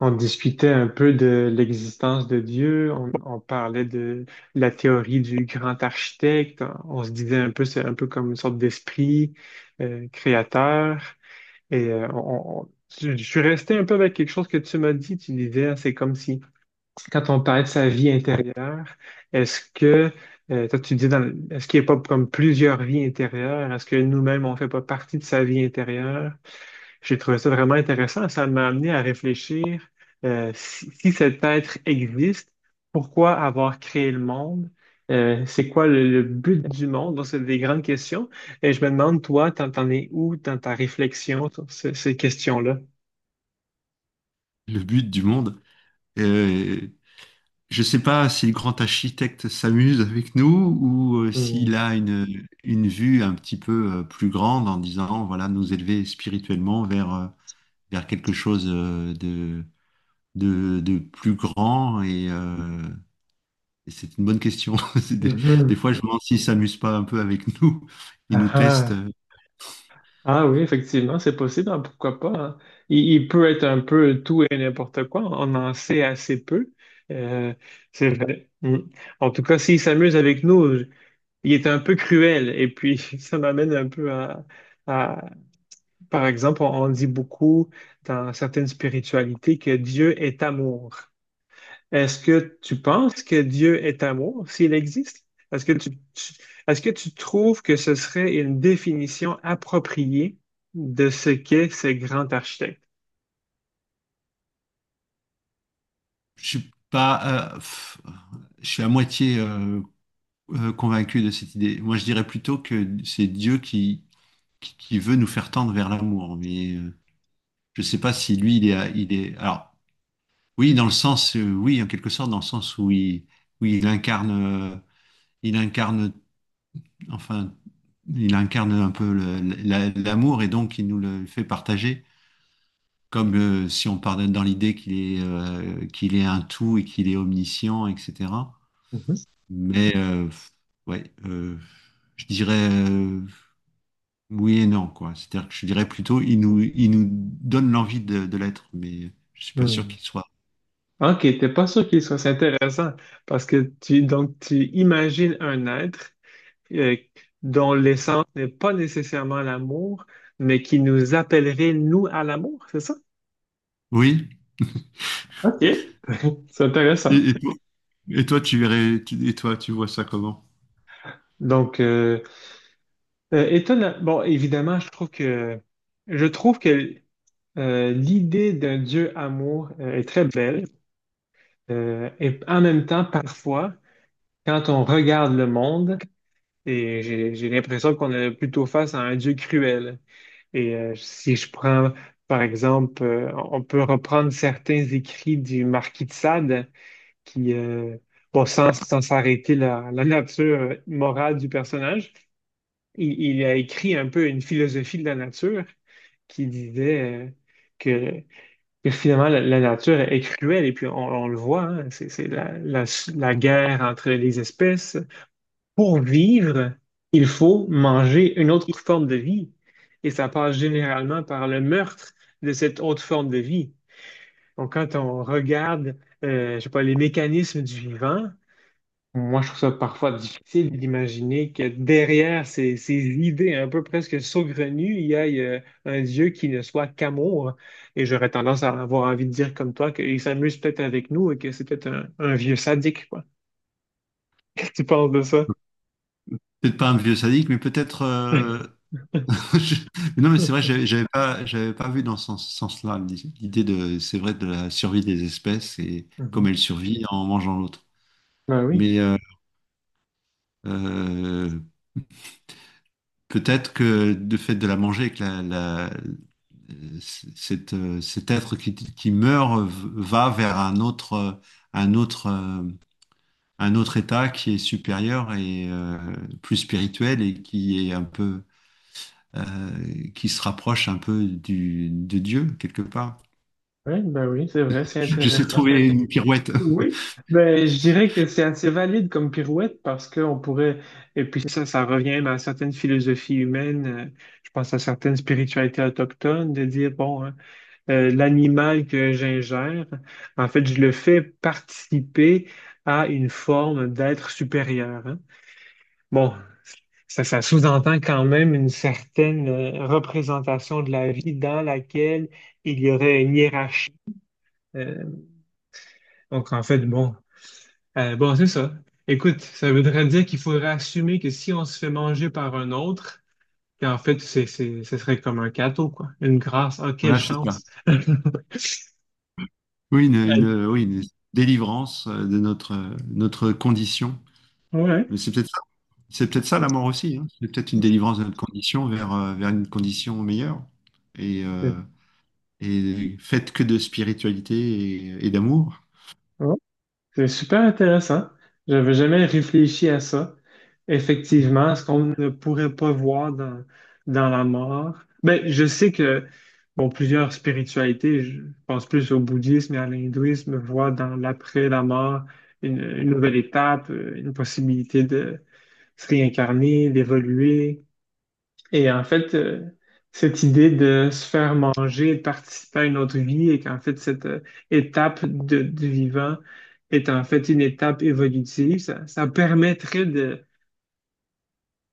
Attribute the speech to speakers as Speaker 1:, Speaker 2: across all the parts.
Speaker 1: On discutait un peu de l'existence de Dieu, on parlait de la théorie du grand architecte. On se disait un peu, c'est un peu comme une sorte d'esprit créateur. Et euh, on- on- je suis resté un peu avec quelque chose que tu m'as dit. Tu disais, hein, c'est comme si, quand on parlait de sa vie intérieure, est-ce que, toi tu dis, est-ce qu'il n'y a pas comme plusieurs vies intérieures? Est-ce que nous-mêmes, on ne fait pas partie de sa vie intérieure? J'ai trouvé ça vraiment intéressant. Ça m'a amené à réfléchir: si cet être existe, pourquoi avoir créé le monde? C'est quoi le but du monde? Donc, c'est des grandes questions. Et je me demande, toi, t'en es où dans ta réflexion sur ces questions-là?
Speaker 2: Le but du monde. Euh, je sais pas si le grand architecte s'amuse avec nous ou s'il
Speaker 1: Hmm.
Speaker 2: a une vue un petit peu plus grande en disant, voilà, nous élever spirituellement vers, vers quelque chose de plus grand. Et c'est une bonne question. C'est Des, des
Speaker 1: Mhm.
Speaker 2: fois, je me demande s'il s'amuse pas un peu avec nous. Il nous
Speaker 1: Ah,
Speaker 2: teste.
Speaker 1: ah. Ah oui, effectivement, c'est possible, hein, pourquoi pas, hein. Il peut être un peu tout et n'importe quoi, on en sait assez peu. Euh, c'est vrai. Hmm. En tout cas, s'il s'amuse avec nous, il était un peu cruel. Et puis, ça m'amène un peu à- par exemple, on dit beaucoup dans certaines spiritualités que Dieu est amour. Est-ce que tu penses que Dieu est amour, s'il existe? Est-ce que tu, tu- Est-ce que tu trouves que ce serait une définition appropriée de ce qu'est ce grand architecte?
Speaker 2: Je suis pas, je suis à moitié convaincu de cette idée. Moi, je dirais plutôt que c'est Dieu qui, qui veut nous faire tendre vers l'amour. Mais je sais pas si lui, il est. Alors, oui, dans le sens, oui, en quelque sorte, dans le sens où euh, il incarne, enfin, il incarne un peu l'amour et donc il nous le fait partager. Comme si on part dans l'idée qu'il est un tout et qu'il est omniscient, etc.
Speaker 1: Mhm.
Speaker 2: Mais ouais, je dirais. Oui et non, quoi. C'est-à-dire que je dirais plutôt, il nous donne l'envie de l'être, mais je suis pas sûr
Speaker 1: Hmm.
Speaker 2: qu'il soit.
Speaker 1: Ok, t'es pas sûr qu'il soit, c'est intéressant, parce que tu donc tu imagines un être euh, dont l'essence n'est pas nécessairement l'amour, mais qui nous appellerait, nous, à l'amour, c'est ça?
Speaker 2: Oui.
Speaker 1: OK, c'est intéressant.
Speaker 2: Et, et toi, et toi, tu verrais, tu- et toi, tu vois ça comment?
Speaker 1: Donc, euh, Étonnant. Bon, évidemment, je trouve que l'idée d'un Dieu amour est très belle. Et en même temps, parfois, quand on regarde le monde, et j'ai l'impression qu'on est plutôt face à un Dieu cruel. Si je prends, par exemple, on peut reprendre certains écrits du Marquis de Sade, qui, bon, sans s'arrêter la, la nature morale du personnage, il a écrit un peu une philosophie de la nature qui disait que, que finalement la nature est cruelle, et puis on le voit, hein. C'est la guerre entre les espèces. Pour vivre, il faut manger une autre forme de vie. Et ça passe généralement par le meurtre de cette autre forme de vie. Donc, quand on regarde, je sais pas, les mécanismes du vivant, moi, je trouve ça parfois difficile d'imaginer que derrière ces idées un peu presque saugrenues, il y a un Dieu qui ne soit qu'amour. Et j'aurais tendance à avoir envie de dire comme toi qu'il s'amuse peut-être avec nous et que c'est peut-être un vieux sadique, quoi. Qu'est-ce que tu penses de ça?
Speaker 2: Peut-être pas un vieux sadique, mais peut-être. je- Non, mais c'est vrai, j'avais pas vu dans sens-là l'idée de, c'est vrai, de la survie des espèces et comme
Speaker 1: Mhm.
Speaker 2: elles survivent en mangeant l'autre.
Speaker 1: Ben oui.
Speaker 2: Mais euh, euh, Peut-être que de fait de la manger, que la- c- cette, cet être qui meurt va vers un autre, euh, un autre état qui est supérieur et plus spirituel et qui est un peu, euh, qui se rapproche un peu du, de Dieu quelque part.
Speaker 1: Oui, ben oui, c'est vrai, c'est
Speaker 2: Je sais
Speaker 1: intéressant.
Speaker 2: trouver une pirouette.
Speaker 1: Oui, ben je dirais que c'est assez valide comme pirouette, parce qu'on pourrait, et puis ça revient même à certaines philosophies humaines. Je pense à certaines spiritualités autochtones, de dire, bon, hein, l'animal que j'ingère, en fait, je le fais participer à une forme d'être supérieur, hein. Bon, ça sous-entend quand même une certaine représentation de la vie dans laquelle il y aurait une hiérarchie. euh, Donc, en fait, bon, c'est ça. Écoute, ça voudrait dire qu'il faudrait assumer que si on se fait manger par un autre, qu'en fait, ce serait comme un cadeau, quoi. Une grâce. Ah, quelle
Speaker 2: Voilà, c'est ça.
Speaker 1: chance!
Speaker 2: Une délivrance de notre, notre condition.
Speaker 1: Ouais.
Speaker 2: Mais c'est peut-être C'est peut-être ça la mort aussi, hein. C'est peut-être une délivrance de notre condition vers, vers une condition meilleure. Et, euh, et faite que de spiritualité et d'amour.
Speaker 1: Ouais. C'est super intéressant. J'avais jamais réfléchi à ça. Effectivement, ce qu'on ne pourrait pas voir dans la mort. Ben, je sais que, bon, plusieurs spiritualités, je pense plus au bouddhisme et à l'hindouisme, voient dans l'après la mort une nouvelle étape, une possibilité de se réincarner, d'évoluer. Et en fait, cette idée de se faire manger, de participer à une autre vie, et qu'en fait, cette du vivant est en fait une étape évolutive, ça permettrait de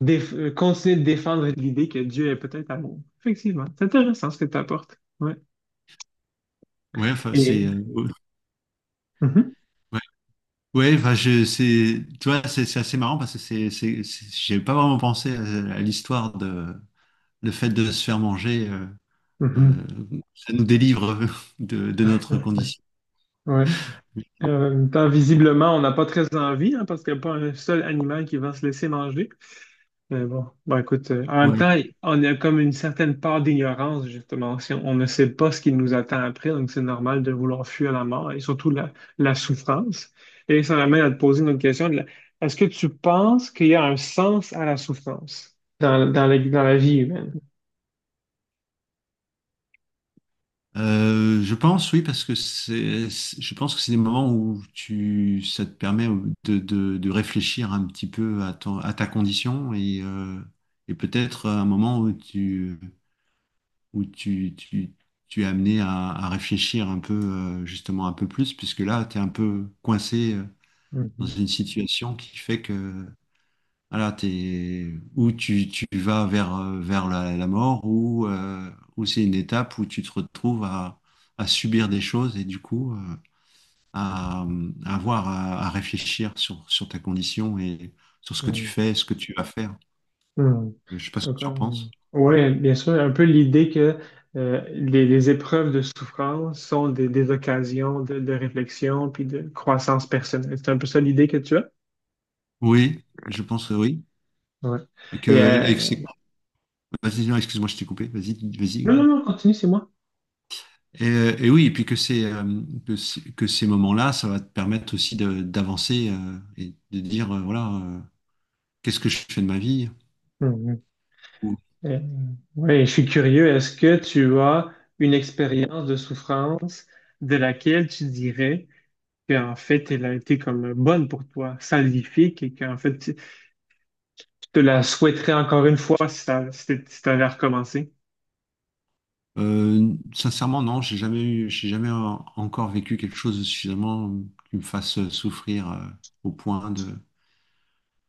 Speaker 1: continuer de défendre l'idée que Dieu est peut-être amour. Effectivement, c'est intéressant ce que tu apportes. Ouais.
Speaker 2: Ouais, enfin,
Speaker 1: Et...
Speaker 2: c'est. euh,
Speaker 1: Mhm,
Speaker 2: ouais, ouais, enfin, c'est, tu vois, c'est assez marrant parce que j'ai pas vraiment pensé à l'histoire de, le fait de se faire manger, euh,
Speaker 1: mhm,
Speaker 2: ça nous délivre de notre condition.
Speaker 1: ouais. Et en même temps, visiblement, on n'a pas très envie, hein, parce qu'il n'y a pas un seul animal qui va se laisser manger. Mais bon, bon, écoute, en même
Speaker 2: Ouais.
Speaker 1: temps, on a comme une certaine part d'ignorance, justement. Si on ne sait pas ce qui nous attend après, donc c'est normal de vouloir fuir la mort et surtout la souffrance. Et ça m'amène à te poser une autre question. Est-ce que tu penses qu'il y a un sens à la souffrance dans la vie humaine?
Speaker 2: Je pense, oui, parce que je pense que c'est des moments où tu, ça te permet de, de réfléchir un petit peu à ton, à ta condition et peut-être un moment où où tu, tu, tu es amené à réfléchir un peu, justement un peu plus, puisque là, tu es un peu coincé dans
Speaker 1: Mhm,
Speaker 2: une situation qui fait que alors, t'es, ou tu vas vers, vers la, la mort, ou c'est une étape où tu te retrouves à subir des choses et du coup à, à avoir à réfléchir sur, sur ta condition et sur ce que tu
Speaker 1: mhm,
Speaker 2: fais, ce que tu vas faire.
Speaker 1: mhm.
Speaker 2: Je sais pas ce que tu en penses.
Speaker 1: Oui, bien sûr, un peu l'idée que les épreuves de souffrance sont des occasions de réflexion puis de croissance personnelle. C'est un peu ça l'idée que tu as?
Speaker 2: Oui, je pense que oui.
Speaker 1: Ouais. Et,
Speaker 2: Et que
Speaker 1: euh,
Speaker 2: c'est... Vas-y, non, excuse-moi, je t'ai coupé. Vas-y, vas-y.
Speaker 1: Non, non, non, continue, c'est moi.
Speaker 2: Et oui, et puis que, que ces moments-là, ça va te permettre aussi d'avancer et de dire, voilà. Qu'est-ce que je fais de ma vie?
Speaker 1: Mhm.
Speaker 2: Ou,
Speaker 1: Euh, Ouais, je suis curieux. Est-ce que tu as une expérience de souffrance de laquelle tu dirais qu'en fait, elle a été comme bonne pour toi, salvifique, et qu'en fait, tu te la souhaiterais encore une fois si tu avais recommencé?
Speaker 2: Sincèrement, non, j'ai jamais encore vécu quelque chose de suffisamment qui me fasse souffrir au point de.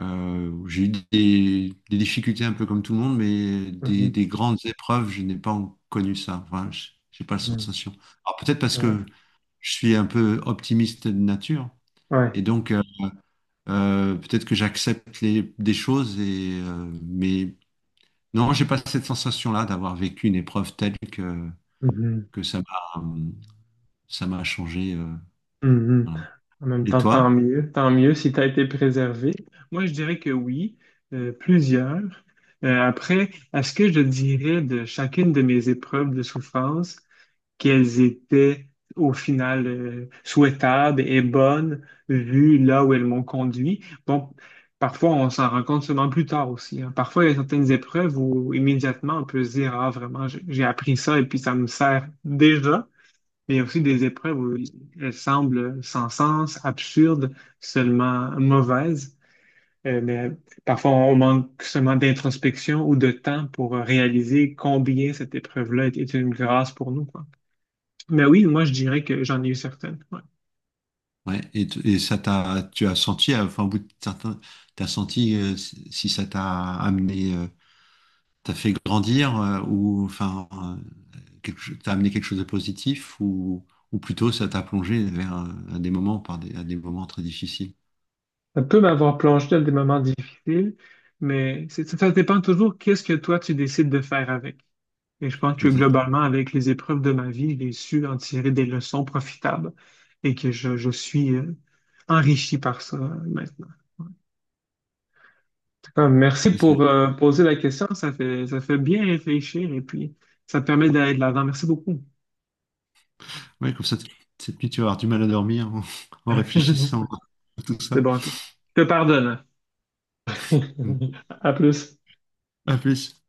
Speaker 2: J'ai eu des difficultés un peu comme tout le monde, mais des grandes épreuves, je n'ai pas connu ça. Enfin, j'ai pas la
Speaker 1: Mhm.
Speaker 2: sensation. Alors peut-être parce
Speaker 1: Ouais,
Speaker 2: que je suis un peu optimiste de nature,
Speaker 1: ouais.
Speaker 2: et donc peut-être que j'accepte des choses, et, mais non, j'ai pas cette sensation-là d'avoir vécu une épreuve telle que.
Speaker 1: Mhm,
Speaker 2: que ça m'a ça m'a changé.
Speaker 1: mhm.
Speaker 2: Voilà.
Speaker 1: En même
Speaker 2: Et
Speaker 1: temps,
Speaker 2: toi?
Speaker 1: tant mieux si tu as été préservé. Moi, je dirais que oui, plusieurs. Après, à ce que je dirais de chacune de mes épreuves de souffrance, qu'elles étaient au final souhaitables et bonnes, vu là où elles m'ont conduit. Bon, parfois, on s'en rend compte seulement plus tard aussi, hein. Parfois, il y a certaines épreuves où immédiatement, on peut se dire, ah, vraiment, j'ai appris ça et puis ça me sert déjà. Mais il y a aussi des épreuves où elles semblent sans sens, absurdes, seulement mauvaises. Mais parfois, on manque seulement d'introspection ou de temps pour réaliser combien cette épreuve-là est une grâce pour nous, quoi. Mais oui, moi, je dirais que j'en ai eu certaines, ouais.
Speaker 2: Ouais. Et, ça t'a tu as senti enfin au bout de certains t'as senti si si ça t'a amené t'as fait grandir ou enfin t'as amené quelque chose de positif ou plutôt ça t'a plongé vers à des moments par des à des moments très difficiles.
Speaker 1: Ça peut m'avoir plongé dans des moments difficiles, ça dépend toujours qu'est-ce que toi tu décides de faire avec. Et je pense que
Speaker 2: Exactement.
Speaker 1: globalement, avec les épreuves de ma vie, j'ai su en tirer des leçons profitables et que je suis enrichi par ça maintenant. En merci
Speaker 2: C'est-
Speaker 1: pour poser la question. Ça fait bien réfléchir et puis ça permet d'aller de l'avant. Merci beaucoup.
Speaker 2: Ouais, comme ça cette nuit tu vas avoir du mal à dormir en, en réfléchissant à tout
Speaker 1: C'est
Speaker 2: ça.
Speaker 1: bon, je te pardonne.
Speaker 2: Donc,
Speaker 1: À plus.
Speaker 2: à plus.